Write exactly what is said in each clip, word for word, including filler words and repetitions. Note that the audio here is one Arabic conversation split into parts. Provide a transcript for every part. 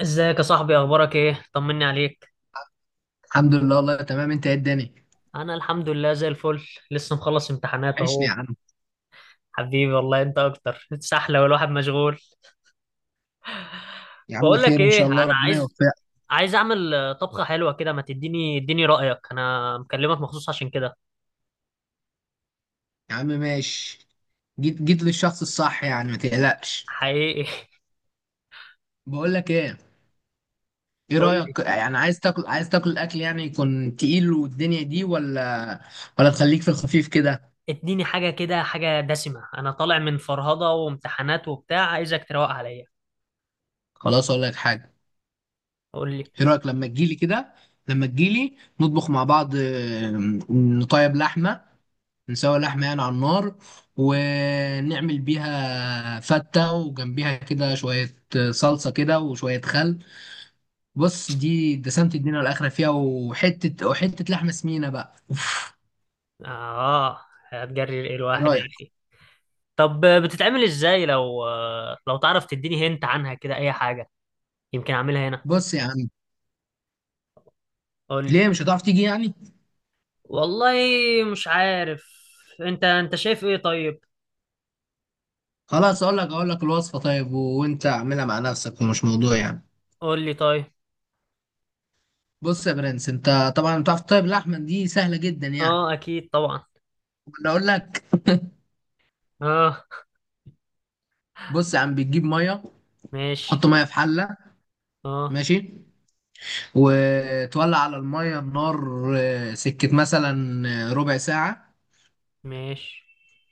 ازيك يا صاحبي، اخبارك ايه؟ طمني عليك. الحمد لله والله تمام. انت ايه الدنيا؟ انا الحمد لله زي الفل. لسه مخلص امتحانات وحشني يا اهو. عم. حبيبي والله، انت اكتر سحله والواحد مشغول. يا عم بقول لك خير ان ايه، شاء الله انا ربنا عايز يوفقك. عايز اعمل آه، طبخه حلوه كده، ما تديني اديني رايك. انا مكلمك مخصوص عشان كده. يا عم ماشي. جيت جيت للشخص الصح يعني ما تقلقش. حقيقي. بقول لك ايه، ايه قول لي. رأيك يعني؟ عايز تاكل عايز تاكل اكل يعني يكون تقيل والدنيا دي، ولا ولا تخليك في الخفيف كده؟ اديني حاجه كده، حاجه دسمه، انا طالع من فرهضه وامتحانات وبتاع، عايزك تروق عليا. خلاص اقول لك حاجة. قول لي. ايه رأيك لما تجيلي كده، لما تجيلي نطبخ مع بعض، اه، نطيب لحمة، نسوي لحمة يعني على النار، ونعمل بيها فتة، وجنبيها كده شوية صلصة كده وشوية خل. بص، دي دسمة الدنيا والآخرة فيها، وحتة وحتة لحمة سمينة بقى، أوف. اه، هتجري ايه إيه الواحد يا رأيك؟ اخي؟ طب بتتعمل ازاي؟ لو لو تعرف تديني هنت عنها كده اي حاجة، يمكن اعملها هنا. بص يا عم، قول لي. ليه مش هتعرف تيجي يعني؟ والله مش عارف. انت انت شايف ايه طيب؟ خلاص، أقول لك أقول لك الوصفة، طيب وأنت أعملها مع نفسك ومش موضوع يعني. قول لي طيب. بص يا برنس، أنت طبعا بتعرف طيب اللحمة دي سهلة جدا اه، يعني. اكيد طبعا. أنا أقول لك. اه. بص يا عم، بتجيب مية، ماشي. تحط مية في حلة، اه، ماشي، وتولع على المية النار، آه، سكة مثلا آه، ربع ساعة، ماشي.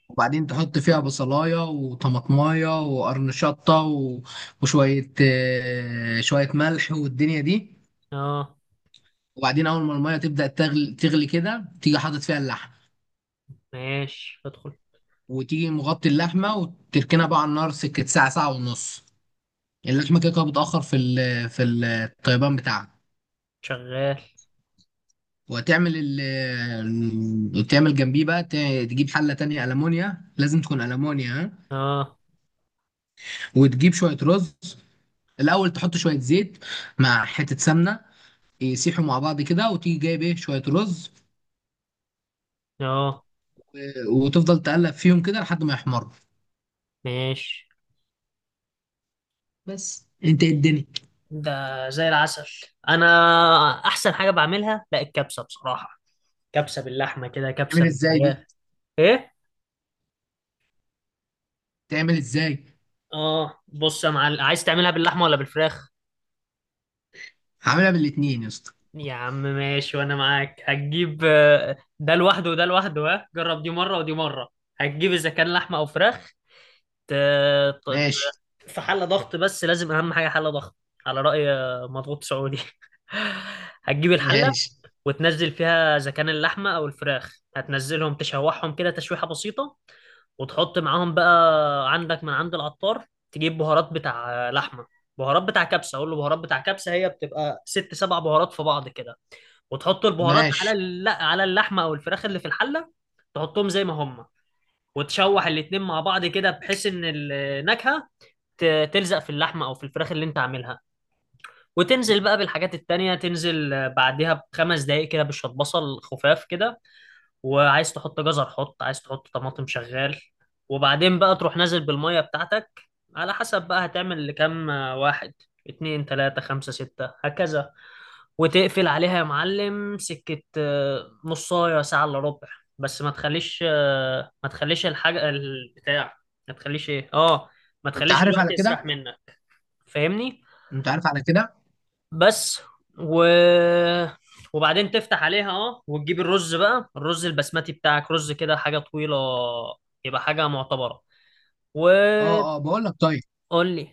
وبعدين تحط فيها بصلاية وطماطماية وقرن شطة و- وشوية آه، شوية ملح والدنيا دي. اه، وبعدين أول ما المية تبدأ تغلي, تغلي كده، تيجي حاطط فيها اللحمة، ماشي، ادخل. وتيجي مغطي اللحمة وتركنها بقى على النار سكة ساعة، ساعة ونص. اللحمة كده كده بتأخر في ال- في الطيبان بتاعها. شغال. وتعمل ال تعمل جنبيه بقى، ت- تجيب حلة تانية ألمونيا، لازم تكون ألمونيا، ها؟ اه، وتجيب شوية رز. الأول تحط شوية زيت مع حتة سمنة، يسيحوا مع بعض كده، وتيجي جايب إيه، شوية رز، اه، و- وتفضل تقلب فيهم كده لحد ما يحمروا. ماشي. بس أنت إيه الدنيا! ده زي العسل. انا احسن حاجة بعملها، لا، الكبسة بصراحة. كبسة باللحمة كده، كبسة تعمل إزاي دي؟ بالفراخ. ايه؟ تعمل إزاي؟ اه، بص يا معلم، عايز تعملها باللحمه ولا بالفراخ؟ هعملها بالاتنين يا اسطى. يا عم ماشي، وانا معاك. هتجيب آه، ده لوحده وده لوحده، ها جرب دي مره ودي مره. هتجيب اذا كان لحمه او فراخ، ت- ت- ماشي، ت- في حله ضغط، بس لازم اهم حاجه حله ضغط. على راي آه، مضغوط سعودي. هتجيب الحله ماشي، وتنزل فيها اذا كان اللحمه او الفراخ، هتنزلهم تشوحهم كده تشويحه بسيطه. وتحط معاهم بقى عندك من عند العطار، تجيب بهارات بتاع لحمه، بهارات بتاع كبسه، اقول له بهارات بتاع كبسه، هي بتبقى ست سبع بهارات في بعض كده. وتحط البهارات على ماشي. الل- على اللحمه او الفراخ اللي في الحله. تحطهم زي ما هم، وتشوح الاتنين مع بعض كده بحيث ان النكهه ت- تلزق في اللحمه او في الفراخ اللي انت عاملها. وتنزل بقى بالحاجات التانية، تنزل بعدها بخمس دقايق كده، بشوية بصل خفاف كده. وعايز تحط جزر حط، عايز تحط طماطم شغال. وبعدين بقى تروح نازل بالمية بتاعتك، على حسب بقى هتعمل لكام آه، واحد، اتنين، تلاتة، خمسة، ستة، هكذا. وتقفل عليها يا معلم سكة آه، نصاية ساعة إلا ربع. بس ما تخليش آه، ما تخليش الحاجة البتاع، ما تخليش ايه اه ما أنت تخليش عارف الوقت على يسرح كده. منك. فاهمني؟ أنت عارف على كده. بس و... وبعدين تفتح عليها، اه وتجيب الرز بقى، الرز البسمتي بتاعك، رز كده حاجة طويلة، يبقى حاجة معتبرة. وقول أه أه، بقول لك طيب، لي.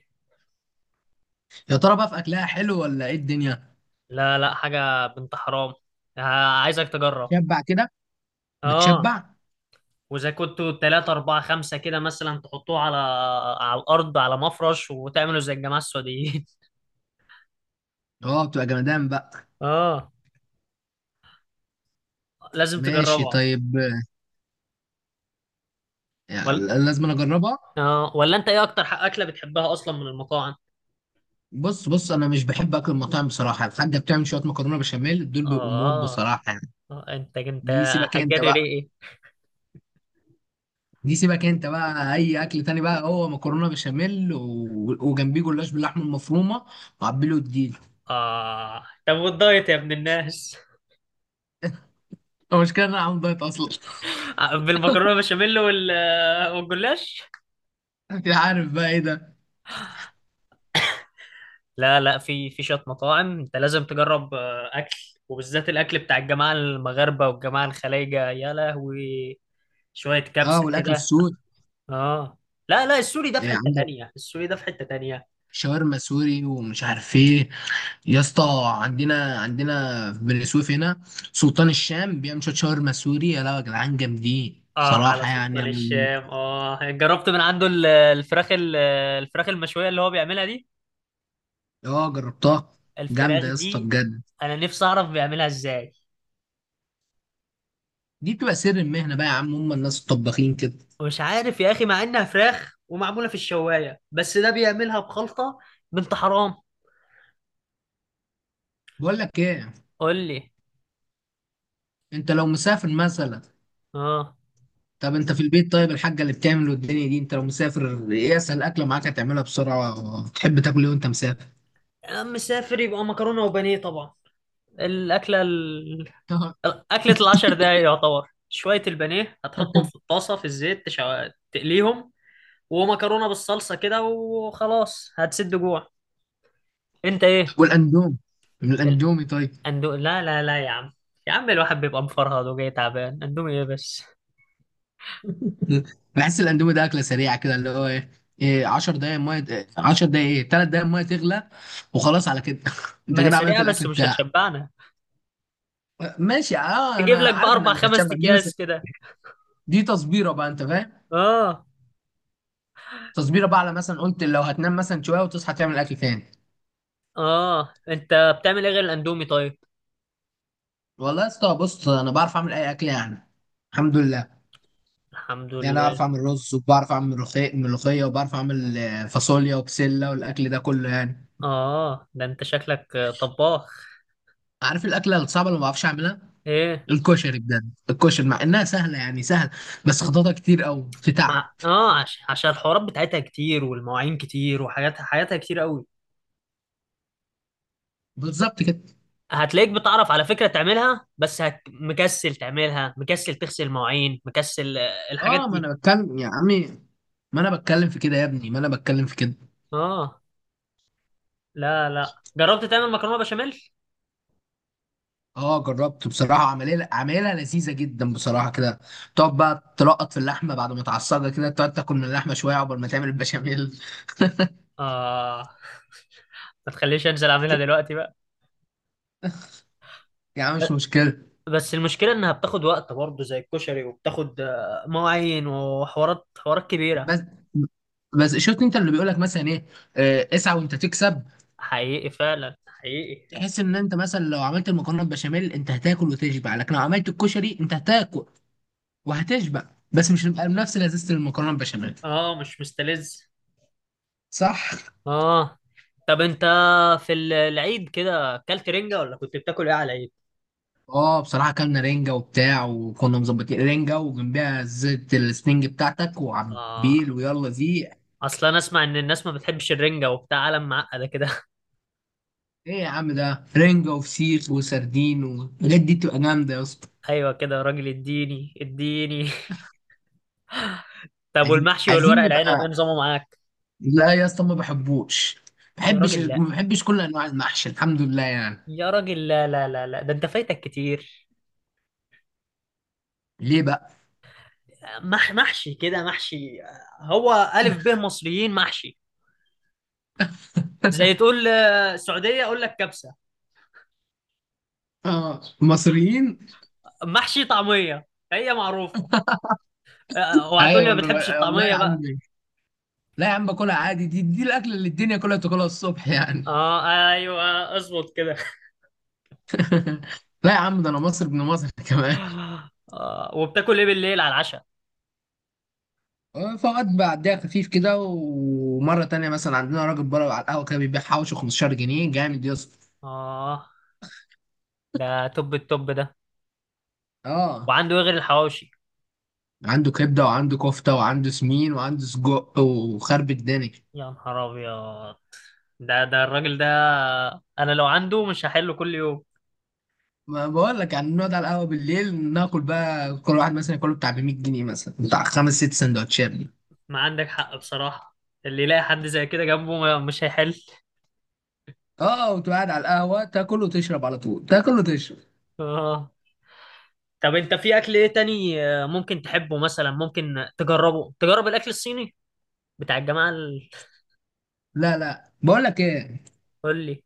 يا ترى بقى في أكلها حلو ولا إيه الدنيا؟ لا، لا، حاجة بنت حرام. ه- عايزك تجرب. شبع كده؟ اه. بتشبع. واذا كنتوا تلاتة أربعة خمسة كده مثلا، تحطوه على على الأرض، على مفرش، وتعملوا زي الجماعة السعوديين. اه بتبقى جمدان بقى. اه، لازم ماشي تجربها طيب، يعني ولا؟ لازم أنا اجربها. اه، ولا انت ايه اكتر ح- اكلة بتحبها اصلا من المطاعم؟ بص بص، انا مش بحب اكل المطاعم بصراحه. الحاجه بتعمل شويه مكرونه بشاميل، دول بيبقوا موت اه. بصراحه يعني. آه، انت انت دي سيبك انت هتجري بقى. ليه ايه؟ دي سيبك انت بقى. اي اكل تاني بقى هو مكرونه بشاميل و... وجنبيه جلاش باللحمه المفرومه وعبيله الديل. اه، طب والدايت يا ابن الناس؟ المشكله ان انا عامل دايت اصلا. بالمكرونه بشاميل، وال والجلاش. انت عارف بقى ايه ده. لا، لا، في في شويه مطاعم انت لازم تجرب آه، اكل، وبالذات الاكل بتاع الجماعه المغاربه والجماعه الخليجه، يا لهوي. شويه اه كبسه والاكل كده. السوري، اه، لا، لا، السوري ده في يعني حته عندك تانية، السوري ده في حته تانية. شاورما سوري ومش عارف ايه. يا اسطى، عندنا، عندنا في بني سويف هنا سلطان الشام بيعمل شويه شاورما سوري، يا لا يا جدعان، جامدين اه، على صراحه يعني سلطان أنا- الشام، اه جربت من عنده ال- الفراخ ال- الفراخ المشويه اللي هو بيعملها دي. اه جربتها، جامده الفراخ يا اسطى دي، بجد. انا نفسي اعرف بيعملها ازاي. دي بتبقى سر المهنه بقى يا عم، هم الناس الطباخين كده. ومش عارف يا اخي، مع انها فراخ ومعموله في الشوايه، بس ده بيعملها بخلطه بنت حرام. بقول لك ايه، قول لي. انت لو مسافر مثلا، اه، طب انت في البيت طيب، الحاجه اللي بتعمله الدنيا دي، انت لو مسافر ايه اسهل اكله معاك هتعملها بسرعه؟ تحب تاكل ايه وانت مسافر؟ يا عم مسافر يبقى مكرونه وبانيه طبعا. الاكله ال... اكله العشر دقايق يعتبر، شويه البانيه هتحطهم في الطاسه في الزيت تشع... تقليهم، ومكرونه بالصلصه كده، وخلاص هتسد جوع. انت ايه؟ والاندومي، من الاندومي طيب. الاندو لا، لا، لا، يا عم. يا عم الواحد بيبقى مفرهد وجاي تعبان، اندومي ايه بس؟ بحس الاندومي ده اكله سريعه كده، اللي هو ايه، إيه 10 دقايق ميه، إيه، 10 دقايق، ايه 3 دقايق ميه تغلى وخلاص على كده. انت ما هي كده عملت سريعة بس الاكل مش بتاعك. هتشبعنا. ماشي، اه تجيب انا لك عارف انها بأربع مش خمس هتشبع دي، بس أكياس كده. دي تصبيره بقى، انت فاهم، آه. تصبيره بقى على مثلا، قلت لو هتنام مثلا شويه وتصحى تعمل اكل تاني. آه، أنت بتعمل إيه غير الأندومي طيب؟ والله يا اسطى، بص انا بعرف اعمل اي اكل يعني، الحمد لله الحمد يعني. اعرف لله. اعمل رز، وبعرف اعمل ملوخيه ملوخيه، وبعرف اعمل آه، فاصوليا وبسله والاكل ده كله يعني. آه، ده أنت شكلك آه، طباخ. عارف الاكله الصعبه اللي ما بعرفش اعملها؟ إيه؟ الكشري بجد، الكشري مع انها سهله يعني سهل، بس خططها كتير او في مع... تعب. آه عش... عشان الحوارات بتاعتها كتير، والمواعين كتير، وحاجاتها حياتها كتير قوي. بالظبط كده. هتلاقيك بتعرف على فكرة تعملها، بس هت... مكسل تعملها، مكسل تغسل مواعين، مكسل آه، الحاجات اه ما دي. انا بتكلم يا عمي، ما انا بتكلم في كده يا ابني، ما انا بتكلم في كده. آه. لا، لا، جربت تعمل مكرونة بشاميل؟ اه جربت بصراحه، عمليه عمليه لذيذه جدا بصراحه كده. تقعد بقى تلقط في اللحمه بعد ما تعصجها كده، تقعد تاكل من اللحمه شويه عقبال ما تعمل البشاميل. آه. ما تخليش أنزل أعملها دلوقتي بقى. يعني مش مشكله. بس المشكلة إنها بتاخد وقت برضه زي الكشري، وبتاخد آه، مواعين وحوارات، حوارات كبيرة. بس، بس شفت انت اللي بيقول لك مثلا ايه، آه، اسعى وانت تكسب. حقيقي فعلا، حقيقي. تحس ان انت مثلا لو عملت المكرونه بشاميل انت هتاكل وتشبع، لكن لو عملت الكشري انت هتاكل وهتشبع بس مش هنبقى بنفس لذيذة المكرونة البشاميل. اه، مش مستلذ. صح. اه. طب انت في ال- العيد كده اكلت رنجة، ولا كنت بتاكل ايه على العيد؟ اه بصراحة كلنا رنجة وبتاع، وكنا مظبطين رنجة وجنبها زيت السنينج بتاعتك اه، وعبيل ويلا زيق. اصلا انا اسمع ان الناس ما بتحبش الرنجة وبتاع، عالم معقدة كده. ايه يا عم، ده رنجة وفسيخ وسردين والحاجات دي بتبقى جامدة يا اسطى. ايوه كده يا راجل، اديني اديني. طب عايزين والمحشي عايزين والورق العنب ايه نبقى، نظامه معاك؟ لا يا اسطى ما بحبوش. يا بحبش راجل لا. ما بحبش كل انواع المحشي الحمد لله يعني. يا راجل، لا، لا، لا، لا، ده انت فايتك كتير. ليه بقى؟ مح محشي كده محشي. هو ألف ب مصريين محشي. زي تقول آه، سعودية أقول لك كبسة. اه مصريين. محشي طعمية هي معروفة. آه، آه، وهتقول لي ايوه ما بتحبش انا والله يا الطعمية بقى. عم، لا يا عم باكلها عادي، دي، دي الاكله اللي الدنيا كلها بتاكلها الصبح يعني. اه، ايوه، اظبط كده. لا يا عم، ده انا مصري ابن مصر كمان. آه وبتاكل ايه بالليل على العشاء؟ آه، فقط بعديها خفيف كده، ومره تانية مثلا عندنا راجل بره على القهوه كده بيبيع حوشه خمستاشر جنيه، جامد يا اسطى. اه، ده توب التوب ده. اه وعنده ايه غير الحواوشي؟ عنده كبده وعنده كفته وعنده سمين وعنده سجق وخرب الدنيا. يا نهار ابيض، ده ده الراجل ده، انا لو عنده مش هحله كل يوم. ما بقول لك يعني نقعد على القهوه بالليل، ناكل بقى كل واحد مثلا ياكله بتاع ب ميت جنيه مثلا، بتاع خمس ست سندوتشات دي. ما عندك حق بصراحة، اللي يلاقي حد زي كده جنبه ما- مش هيحل. اه وتقعد على القهوه تاكل وتشرب، على طول تاكل وتشرب. اه، طب انت في اكل ايه تاني آه، ممكن تحبه؟ مثلا ممكن تجربه تجرب الاكل الصيني بتاع الجماعه ال... لا لا، بقول لك ايه، قول لي.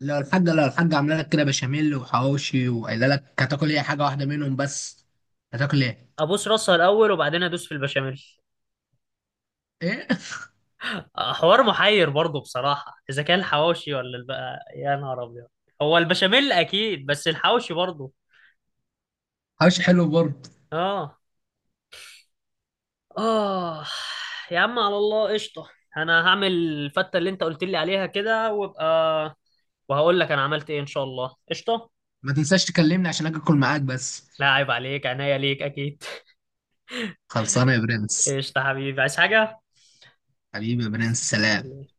لو الحاجة لو الحاجة عاملة لك كده بشاميل وحواوشي وقايلة لك هتاكل ايه، حاجة واحدة منهم بس، هتاكل ايه؟ ابوس راسها الاول وبعدين ادوس في البشاميل. ايه؟ آه، حوار محير برضه بصراحه، اذا كان الحواوشي ولا البقى، يا نهار ابيض. هو البشاميل اكيد، بس الحواوشي برضه. حواوشي حلو برضه. اه. اه، يا عم على الله قشطه. انا هعمل الفته اللي انت قلت لي عليها كده، وابقى وهقول لك انا عملت ايه، ان شاء الله قشطه. ما تنساش تكلمني عشان اجي اكل معاك بس. لا عيب عليك، عناية ليك اكيد. خلصانة يا برنس. قشطه حبيبي، عايز حاجه؟ حبيبي يا برنس، سلام. والله.